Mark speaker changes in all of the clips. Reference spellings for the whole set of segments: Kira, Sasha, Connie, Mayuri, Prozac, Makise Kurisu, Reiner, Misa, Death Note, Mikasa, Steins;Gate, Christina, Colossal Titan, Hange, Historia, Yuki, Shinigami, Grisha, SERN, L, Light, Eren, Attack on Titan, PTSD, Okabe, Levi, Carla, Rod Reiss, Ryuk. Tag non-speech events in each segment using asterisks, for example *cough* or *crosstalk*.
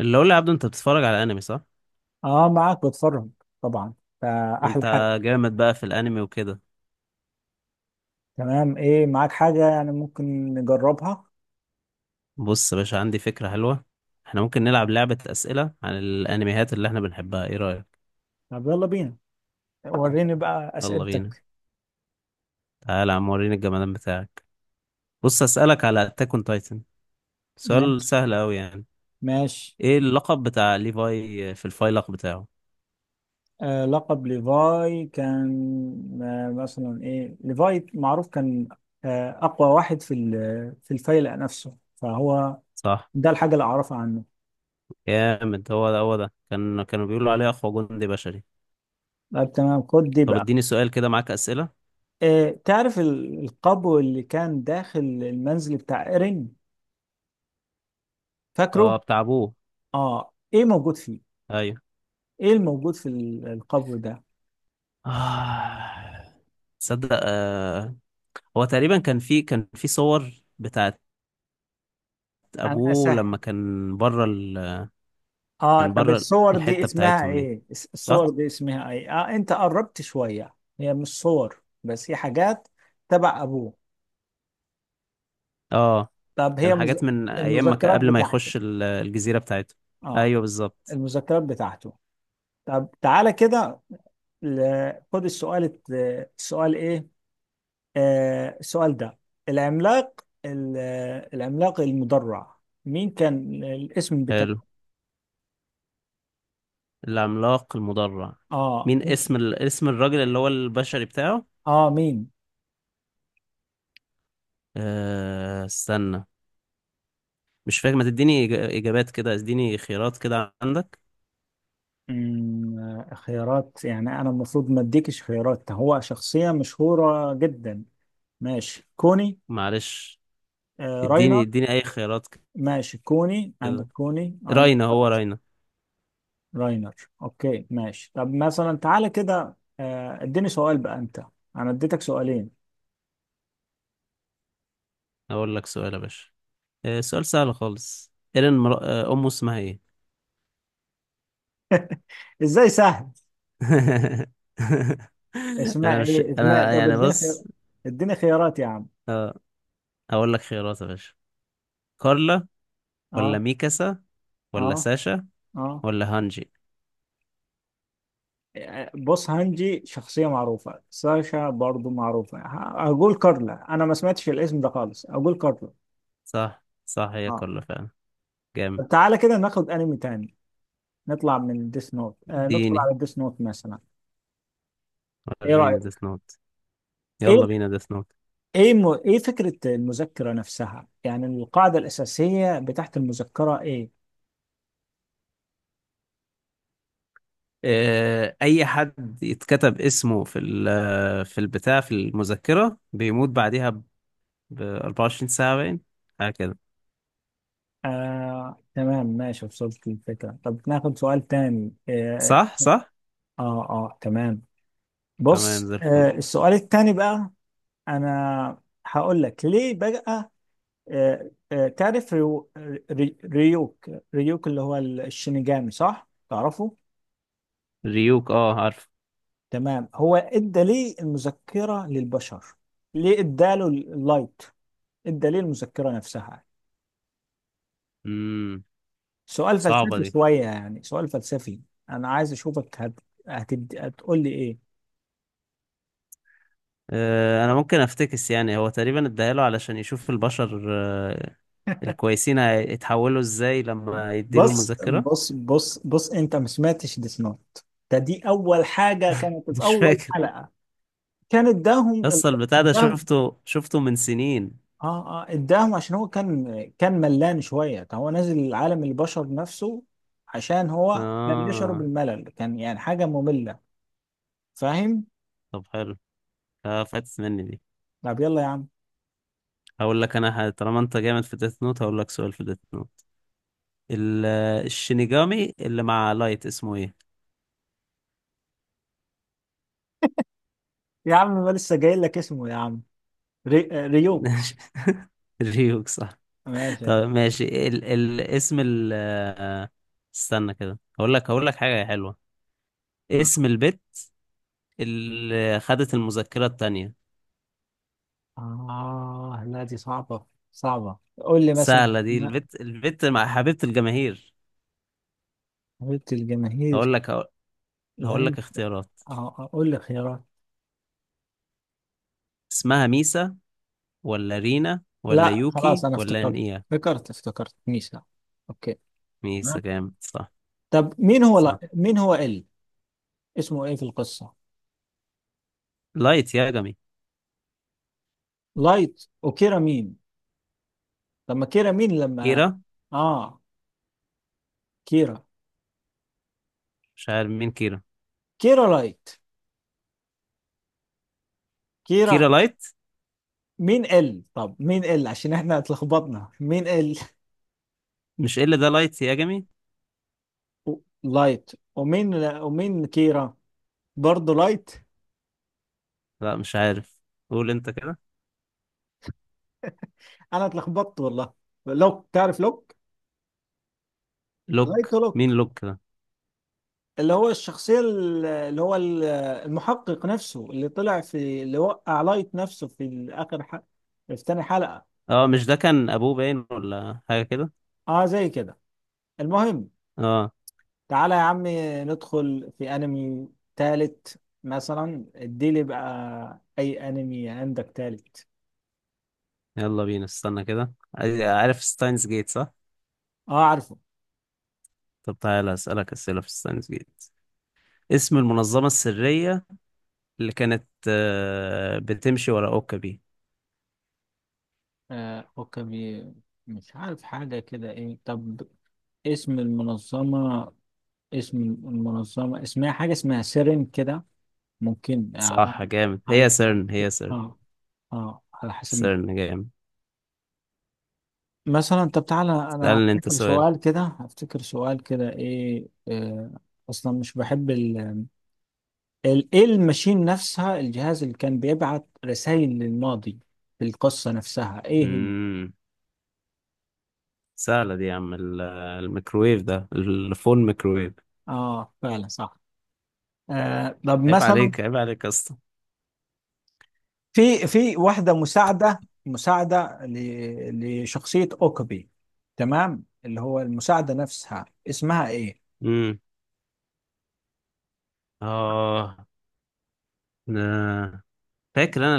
Speaker 1: اللي اقول لعبده، انت بتتفرج على انمي صح؟
Speaker 2: اه، معاك بتفرج، طبعا، فاحلى
Speaker 1: وانت
Speaker 2: حاجه.
Speaker 1: جامد بقى في الانمي وكده.
Speaker 2: تمام. ايه معاك حاجه يعني ممكن نجربها؟
Speaker 1: بص يا باشا، عندي فكرة حلوة. احنا ممكن نلعب لعبة اسئلة عن الانميات اللي احنا بنحبها، ايه رأيك؟
Speaker 2: طب يلا بينا، وريني بقى
Speaker 1: يلا بينا،
Speaker 2: اسئلتك.
Speaker 1: تعالى يا عم وريني الجمدان بتاعك. بص، اسألك على اتاك اون تايتن. سؤال
Speaker 2: ماشي،
Speaker 1: سهل قوي يعني.
Speaker 2: ماشي.
Speaker 1: ايه اللقب بتاع ليفاي في الفايلق بتاعه؟
Speaker 2: لقب ليفاي كان، آه مثلا ايه ليفاي معروف، كان اقوى واحد في الفيلق نفسه، فهو
Speaker 1: صح،
Speaker 2: ده الحاجه اللي اعرفها عنه.
Speaker 1: جامد. هو ده كانوا بيقولوا عليه اقوى جندي بشري.
Speaker 2: طب تمام، خد دي
Speaker 1: طب
Speaker 2: بقى.
Speaker 1: اديني سؤال كده، معاك اسئلة.
Speaker 2: تعرف القبو اللي كان داخل المنزل بتاع ايرين؟ فاكره؟
Speaker 1: اه، بتاع ابوه.
Speaker 2: اه، ايه موجود فيه؟
Speaker 1: ايوه.
Speaker 2: ايه الموجود القبر ده؟
Speaker 1: آه. تصدق آه. هو تقريبا كان في صور بتاعت
Speaker 2: انا
Speaker 1: ابوه
Speaker 2: اسهل.
Speaker 1: لما كان بره
Speaker 2: اه،
Speaker 1: كان
Speaker 2: طب
Speaker 1: بره
Speaker 2: الصور دي
Speaker 1: الحتة
Speaker 2: اسمها
Speaker 1: بتاعتهم دي.
Speaker 2: ايه؟ الصور
Speaker 1: صح.
Speaker 2: دي اسمها ايه؟ اه، انت قربت شوية. هي مش صور بس، هي حاجات تبع ابوه.
Speaker 1: اه،
Speaker 2: طب هي
Speaker 1: كان حاجات من ايام ما كان-
Speaker 2: المذكرات
Speaker 1: قبل ما
Speaker 2: بتاعته.
Speaker 1: يخش الجزيرة بتاعته.
Speaker 2: اه،
Speaker 1: ايوه، بالظبط.
Speaker 2: المذكرات بتاعته. طب تعالى كده، خد السؤال السؤال ايه؟ السؤال ده، العملاق العملاق المدرع، مين كان الاسم
Speaker 1: حلو.
Speaker 2: بتاعه؟
Speaker 1: العملاق المدرع.
Speaker 2: اه،
Speaker 1: مين
Speaker 2: ممكن.
Speaker 1: اسم الراجل اللي هو البشري بتاعه؟
Speaker 2: اه، مين؟
Speaker 1: استنى. مش فاكر، ما تديني اجابات كده، اديني خيارات كده عندك.
Speaker 2: خيارات؟ يعني انا المفروض ما اديكش خيارات، هو شخصية مشهورة جدا. ماشي، كوني.
Speaker 1: معلش. اديني
Speaker 2: راينر.
Speaker 1: اديني اي خيارات
Speaker 2: ماشي كوني عندك،
Speaker 1: كده.
Speaker 2: كوني عندك.
Speaker 1: راينا، هو راينا.
Speaker 2: راينر. اوكي، ماشي. طب مثلا تعالى كده، اديني سؤال بقى انت. انا اديتك سؤالين.
Speaker 1: اقول لك سؤال يا باشا. سؤال سهل خالص. ايرين امه اسمها ايه؟
Speaker 2: *laughs* ازاي سهل؟
Speaker 1: *laughs* انا
Speaker 2: اسماء؟
Speaker 1: مش
Speaker 2: ايه اسماء؟
Speaker 1: انا
Speaker 2: طب
Speaker 1: يعني،
Speaker 2: اديني خيار،
Speaker 1: بص.
Speaker 2: اديني خيارات يا عم.
Speaker 1: هقول لك خيارات يا باشا. كارلا، ولا
Speaker 2: اه،
Speaker 1: ميكاسا، ولا
Speaker 2: اه،
Speaker 1: ساشا،
Speaker 2: اه.
Speaker 1: ولا هانجي؟
Speaker 2: بص، هانجي شخصية معروفة، ساشا برضو معروفة. هقول كارلا. أنا ما سمعتش الاسم ده خالص، أقول كارلا.
Speaker 1: صح، صح، هي
Speaker 2: آه.
Speaker 1: كارلا فعلا. جامد.
Speaker 2: طب تعالى كده ناخد أنمي تاني. نطلع من ديس نوت، ندخل
Speaker 1: اديني،
Speaker 2: على ديس نوت مثلا. إيه
Speaker 1: وريني
Speaker 2: رأيك؟
Speaker 1: ديث نوت.
Speaker 2: إيه؟
Speaker 1: يلا بينا ديث نوت.
Speaker 2: إيه إيه فكرة المذكرة نفسها؟ يعني القاعدة الأساسية بتاعت المذكرة إيه؟
Speaker 1: اي حد يتكتب اسمه في ال- في البتاع في المذكرة بيموت بعديها ب 24 ساعة باين، حاجة كده.
Speaker 2: تمام، ماشي، وصلت الفكرة. طب ناخد سؤال تاني.
Speaker 1: صح، صح.
Speaker 2: تمام.
Speaker 1: تمام
Speaker 2: بص،
Speaker 1: زي الفل.
Speaker 2: السؤال التاني بقى. انا هقول لك ليه بقى. تعرف ريوك. ريوك اللي هو الشينيجامي، صح؟ تعرفه؟
Speaker 1: ريوك، اه عارف.
Speaker 2: تمام. هو ادى ليه المذكرة للبشر؟ ليه اداله اللايت؟ ادى ليه المذكرة نفسها؟
Speaker 1: امم
Speaker 2: سؤال
Speaker 1: صعبة
Speaker 2: فلسفي
Speaker 1: دي.
Speaker 2: شوية، يعني سؤال فلسفي. انا عايز اشوفك هتقول لي ايه.
Speaker 1: انا ممكن افتكس، يعني هو تقريبا اداله علشان يشوف البشر، الكويسين هيتحولوا ازاي لما يديله
Speaker 2: بص،
Speaker 1: المذكرة.
Speaker 2: بص، بص، بص، انت ما سمعتش ديس نوت. ده، دي اول حاجة كانت
Speaker 1: *laughs*
Speaker 2: في
Speaker 1: مش
Speaker 2: اول
Speaker 1: فاكر.
Speaker 2: حلقة. كان اداهم.
Speaker 1: اصل البتاع ده
Speaker 2: اداهم.
Speaker 1: شفته من سنين.
Speaker 2: اه، اه، اداهم عشان هو كان ملان شويه، كان هو نازل عالم البشر نفسه. عشان هو كان يشعر
Speaker 1: اه.
Speaker 2: بالملل، كان يعني حاجه ممله. فاهم؟
Speaker 1: طب حلو. فاتت مني دي.
Speaker 2: طب يلا يا عم.
Speaker 1: هقول لك، طالما انت جامد في ديث نوت هقول لك سؤال في ديث نوت. الشينيجامي اللي مع لايت اسمه ايه؟
Speaker 2: يا عم، ما لسه جاي لك اسمه يا عم. ري... آه، ريوك.
Speaker 1: *laughs* ريوك، صح.
Speaker 2: ماشي
Speaker 1: طب
Speaker 2: يعني.
Speaker 1: ماشي، ال ال اسم ال آه، استنى كده. هقول لك حاجة حلوة.
Speaker 2: اه،
Speaker 1: اسم البت اللي خدت المذكرة التانية؟
Speaker 2: لا، دي صعبه. صعبه، قول لي مثلا.
Speaker 1: سهلة دي،
Speaker 2: ما
Speaker 1: البت مع حبيبة الجماهير.
Speaker 2: قلت الجماهير.
Speaker 1: هقول لك هقول هقول
Speaker 2: الهند.
Speaker 1: لك اختيارات.
Speaker 2: اه، قول لي خيارات.
Speaker 1: اسمها ميسا، ولا رينا، ولا
Speaker 2: لا خلاص،
Speaker 1: يوكي،
Speaker 2: انا
Speaker 1: ولا
Speaker 2: افتكرت،
Speaker 1: نيا؟
Speaker 2: افتكرت، افتكرت ميسا. اوكي.
Speaker 1: ميسا،
Speaker 2: تمام.
Speaker 1: جامد، صح.
Speaker 2: طب مين هو لا...
Speaker 1: صح.
Speaker 2: مين هو ال. اسمه ايه في القصه؟
Speaker 1: لايت يا جمي.
Speaker 2: لايت وكيرا، مين لما كيرا مين لما.
Speaker 1: كيرا؟
Speaker 2: اه، كيرا.
Speaker 1: مش عارف مين كيرا.
Speaker 2: كيرا لايت. كيرا
Speaker 1: كيرا لايت.
Speaker 2: مين ال، طب مين ال، عشان احنا اتلخبطنا مين ال.
Speaker 1: مش إيه اللي ده، لايت يا جمي.
Speaker 2: و- لايت ومين، ومين كيرا؟ برضه لايت.
Speaker 1: لا، مش عارف. قول انت كده.
Speaker 2: انا اتلخبطت والله. لوك، تعرف لوك؟
Speaker 1: لوك،
Speaker 2: لايت
Speaker 1: مين
Speaker 2: ولوك،
Speaker 1: لوك ده؟
Speaker 2: اللي هو الشخصية اللي هو المحقق نفسه، اللي طلع في اللي وقع لايت نفسه في اخر حلقة، في تاني حلقة.
Speaker 1: اه مش ده كان ابوه باين، ولا حاجه كده؟
Speaker 2: اه، زي كده. المهم،
Speaker 1: اه.
Speaker 2: تعالى يا عمي، ندخل في انمي تالت مثلا. اديلي بقى اي انمي عندك تالت.
Speaker 1: يلا بينا. استنى كده، عارف ستاينز جيت، صح؟
Speaker 2: اه، عارفه.
Speaker 1: طب تعالى اسالك اسئله في ستاينز جيت. اسم المنظمه السريه اللي كانت بتمشي ورا اوكابي؟
Speaker 2: اوكي. مش عارف حاجة كده، ايه طب؟ اسم المنظمة، اسم المنظمة اسمها حاجة، اسمها سيرين كده. ممكن.
Speaker 1: صح، جامد. هي
Speaker 2: على،
Speaker 1: سيرن، هي سيرن.
Speaker 2: اه، اه، على حسب
Speaker 1: سيرن، جامد.
Speaker 2: مثلا. طب تعالى، انا
Speaker 1: اسالني انت
Speaker 2: افتكر
Speaker 1: سؤال.
Speaker 2: سؤال كده، افتكر سؤال كده، ايه. اصلا مش بحب. ايه الماشين نفسها، الجهاز اللي كان بيبعت رسائل للماضي في القصة نفسها، ايه هي؟
Speaker 1: امم سهله دي يا عم، الميكروويف ده، الفون ميكروويف.
Speaker 2: اه، فعلا صح. طب
Speaker 1: عيب
Speaker 2: مثلا،
Speaker 1: عليك، عيب عليك يا اسطى.
Speaker 2: في واحدة مساعدة، مساعدة لشخصية اوكابي، تمام؟ اللي هو المساعدة نفسها، اسمها ايه؟
Speaker 1: امم اه آه. فاكر انا.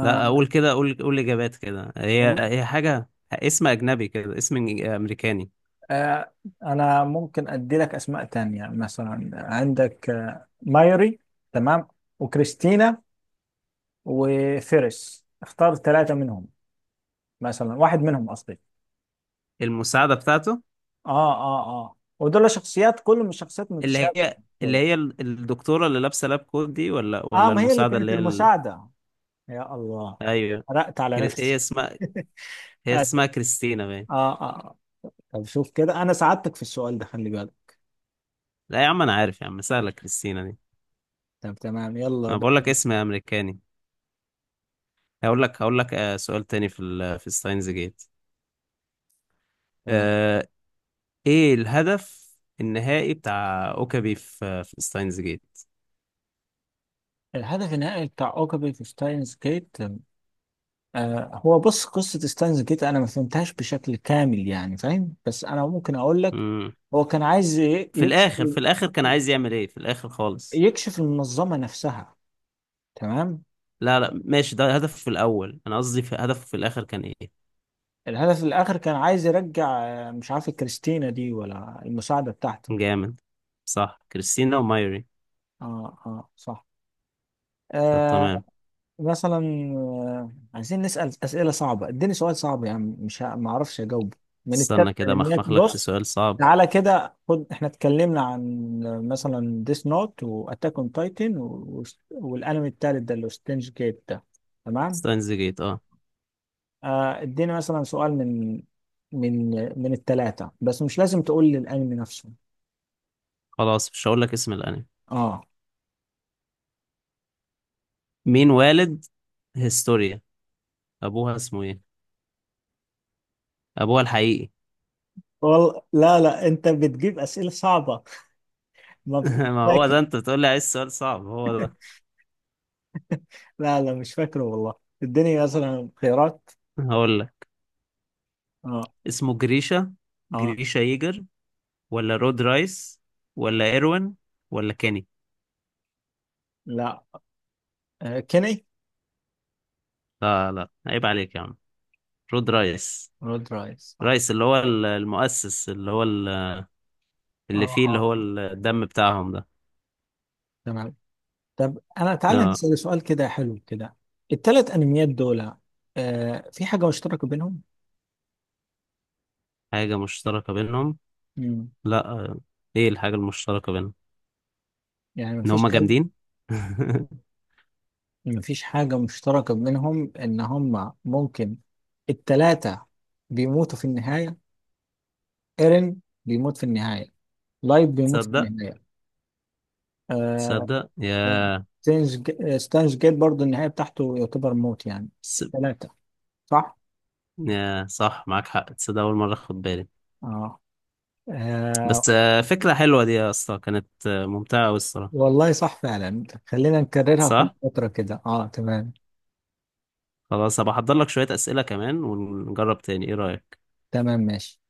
Speaker 1: لا، اقول كده اقول قول اجابات كده، هي حاجه اسم اجنبي كده، اسم امريكاني.
Speaker 2: آه انا ممكن ادي لك اسماء تانية. مثلا عندك، مايري، تمام، وكريستينا، وفيرس. اختار ثلاثة منهم مثلا، واحد منهم قصدي.
Speaker 1: المساعده بتاعته.
Speaker 2: اه، اه، اه، ودول شخصيات، كلهم شخصيات
Speaker 1: اللي
Speaker 2: متشابهة
Speaker 1: هي
Speaker 2: يعني
Speaker 1: اللي
Speaker 2: شوية.
Speaker 1: هي الدكتوره اللي لابسه لاب كوت دي، ولا
Speaker 2: اه،
Speaker 1: ولا
Speaker 2: ما هي اللي
Speaker 1: المساعده
Speaker 2: كانت
Speaker 1: اللي هي
Speaker 2: المساعدة. يا الله،
Speaker 1: ايوه.
Speaker 2: حرقت على
Speaker 1: هي
Speaker 2: نفسي.
Speaker 1: اسمها،
Speaker 2: *laughs*
Speaker 1: هي
Speaker 2: اه،
Speaker 1: اسمها كريستينا باين.
Speaker 2: اه، آه. طب شوف كده، انا ساعدتك في السؤال ده، خلي بالك.
Speaker 1: لا يا عم، انا عارف يا عم، سهله كريستينا دي.
Speaker 2: طب تمام، يلا
Speaker 1: انا بقول لك
Speaker 2: بقى.
Speaker 1: اسم امريكاني. هقول لك سؤال تاني في ستاينز جيت.
Speaker 2: تمام.
Speaker 1: آه، ايه الهدف النهائي بتاع اوكابي في ستاينز جيت؟
Speaker 2: الهدف النهائي بتاع اوكابي في ستاينز جيت؟ هو بص، قصة ستاينز جيت انا ما فهمتهاش بشكل كامل، يعني فاهم، بس انا ممكن اقول لك. هو كان عايز
Speaker 1: في
Speaker 2: يكشف،
Speaker 1: الاخر في الاخر كان عايز يعمل ايه في الاخر خالص؟
Speaker 2: يكشف المنظمة نفسها. تمام.
Speaker 1: لا، لا، ماشي، ده هدف في الاول، انا قصدي في هدفه في الاخر كان ايه؟
Speaker 2: الهدف الآخر كان عايز يرجع، مش عارف كريستينا دي ولا المساعدة بتاعته.
Speaker 1: جامد، صح، كريستينا ومايري.
Speaker 2: اه، اه، صح.
Speaker 1: طب
Speaker 2: آه،
Speaker 1: تمام.
Speaker 2: مثلا. عايزين نسأل أسئلة صعبة، اديني سؤال صعب يعني، مش ما اعرفش اجاوبه. من التالتة،
Speaker 1: استنى كده،
Speaker 2: من هناك
Speaker 1: مخمخ لك في
Speaker 2: بص.
Speaker 1: سؤال صعب.
Speaker 2: تعالى كده، خد، احنا اتكلمنا عن مثلا ديس نوت واتاك اون تايتن، والانمي التالت ده اللي هو ستينج جيت ده. تمام.
Speaker 1: ستاينز جيت، اه.
Speaker 2: اديني مثلا سؤال من، من التلاتة، بس مش لازم تقول لي الانمي نفسه.
Speaker 1: خلاص مش هقول لك اسم الانمي.
Speaker 2: اه.
Speaker 1: مين والد هيستوريا؟ ابوها اسمه ايه؟ ابوها الحقيقي.
Speaker 2: والله لا، لا، انت بتجيب اسئله صعبه. ما
Speaker 1: *laughs*
Speaker 2: مش
Speaker 1: ما هو ده،
Speaker 2: فاكر.
Speaker 1: انت بتقول لي عايز سؤال صعب، هو ده.
Speaker 2: لا، لا، مش فاكره والله. اديني مثلا خيارات.
Speaker 1: هقول لك
Speaker 2: اه.
Speaker 1: اسمه جريشا،
Speaker 2: اه.
Speaker 1: جريشا ييجر، ولا رود رايس، ولا ايروين، ولا كيني؟
Speaker 2: لا. كيني.
Speaker 1: لا، لا، عيب عليك يا عم، رود رايس.
Speaker 2: رود رايس. اه،
Speaker 1: رايس اللي هو المؤسس، اللي هو
Speaker 2: اه،
Speaker 1: اللي فيه، اللي
Speaker 2: اه،
Speaker 1: هو
Speaker 2: اه،
Speaker 1: الدم بتاعهم ده.
Speaker 2: تمام. طب انا، تعالى
Speaker 1: اه.
Speaker 2: نسال سؤال كده حلو كده. الثلاث انميات دول، في حاجه مشتركه بينهم؟
Speaker 1: حاجة مشتركة بينهم؟
Speaker 2: مم.
Speaker 1: لا. ايه الحاجة المشتركة بينهم؟
Speaker 2: يعني
Speaker 1: ان
Speaker 2: مفيش
Speaker 1: هما
Speaker 2: اي؟
Speaker 1: جامدين. *laughs*
Speaker 2: مفيش حاجه مشتركه بينهم، ان هم ممكن الثلاثه بيموتوا في النهايه. ايرين بيموت في النهايه، لايف بيموت في
Speaker 1: تصدق،
Speaker 2: النهايه. آه،
Speaker 1: تصدق،
Speaker 2: آه، ستانز جيت برضه، النهاية بتاعته يعتبر موت يعني.
Speaker 1: س...
Speaker 2: ثلاثة، صح؟
Speaker 1: يا صح معاك حق، تصدق اول مرة اخد بالي.
Speaker 2: آه.
Speaker 1: بس،
Speaker 2: آه.
Speaker 1: فكرة حلوة دي يا اسطى، كانت ممتعة أوي الصراحة.
Speaker 2: والله صح فعلا، خلينا نكررها كل
Speaker 1: صح.
Speaker 2: فترة كده. اه، تمام.
Speaker 1: خلاص، هبقى احضر لك شوية أسئلة كمان ونجرب تاني، ايه رأيك؟
Speaker 2: تمام، ماشي.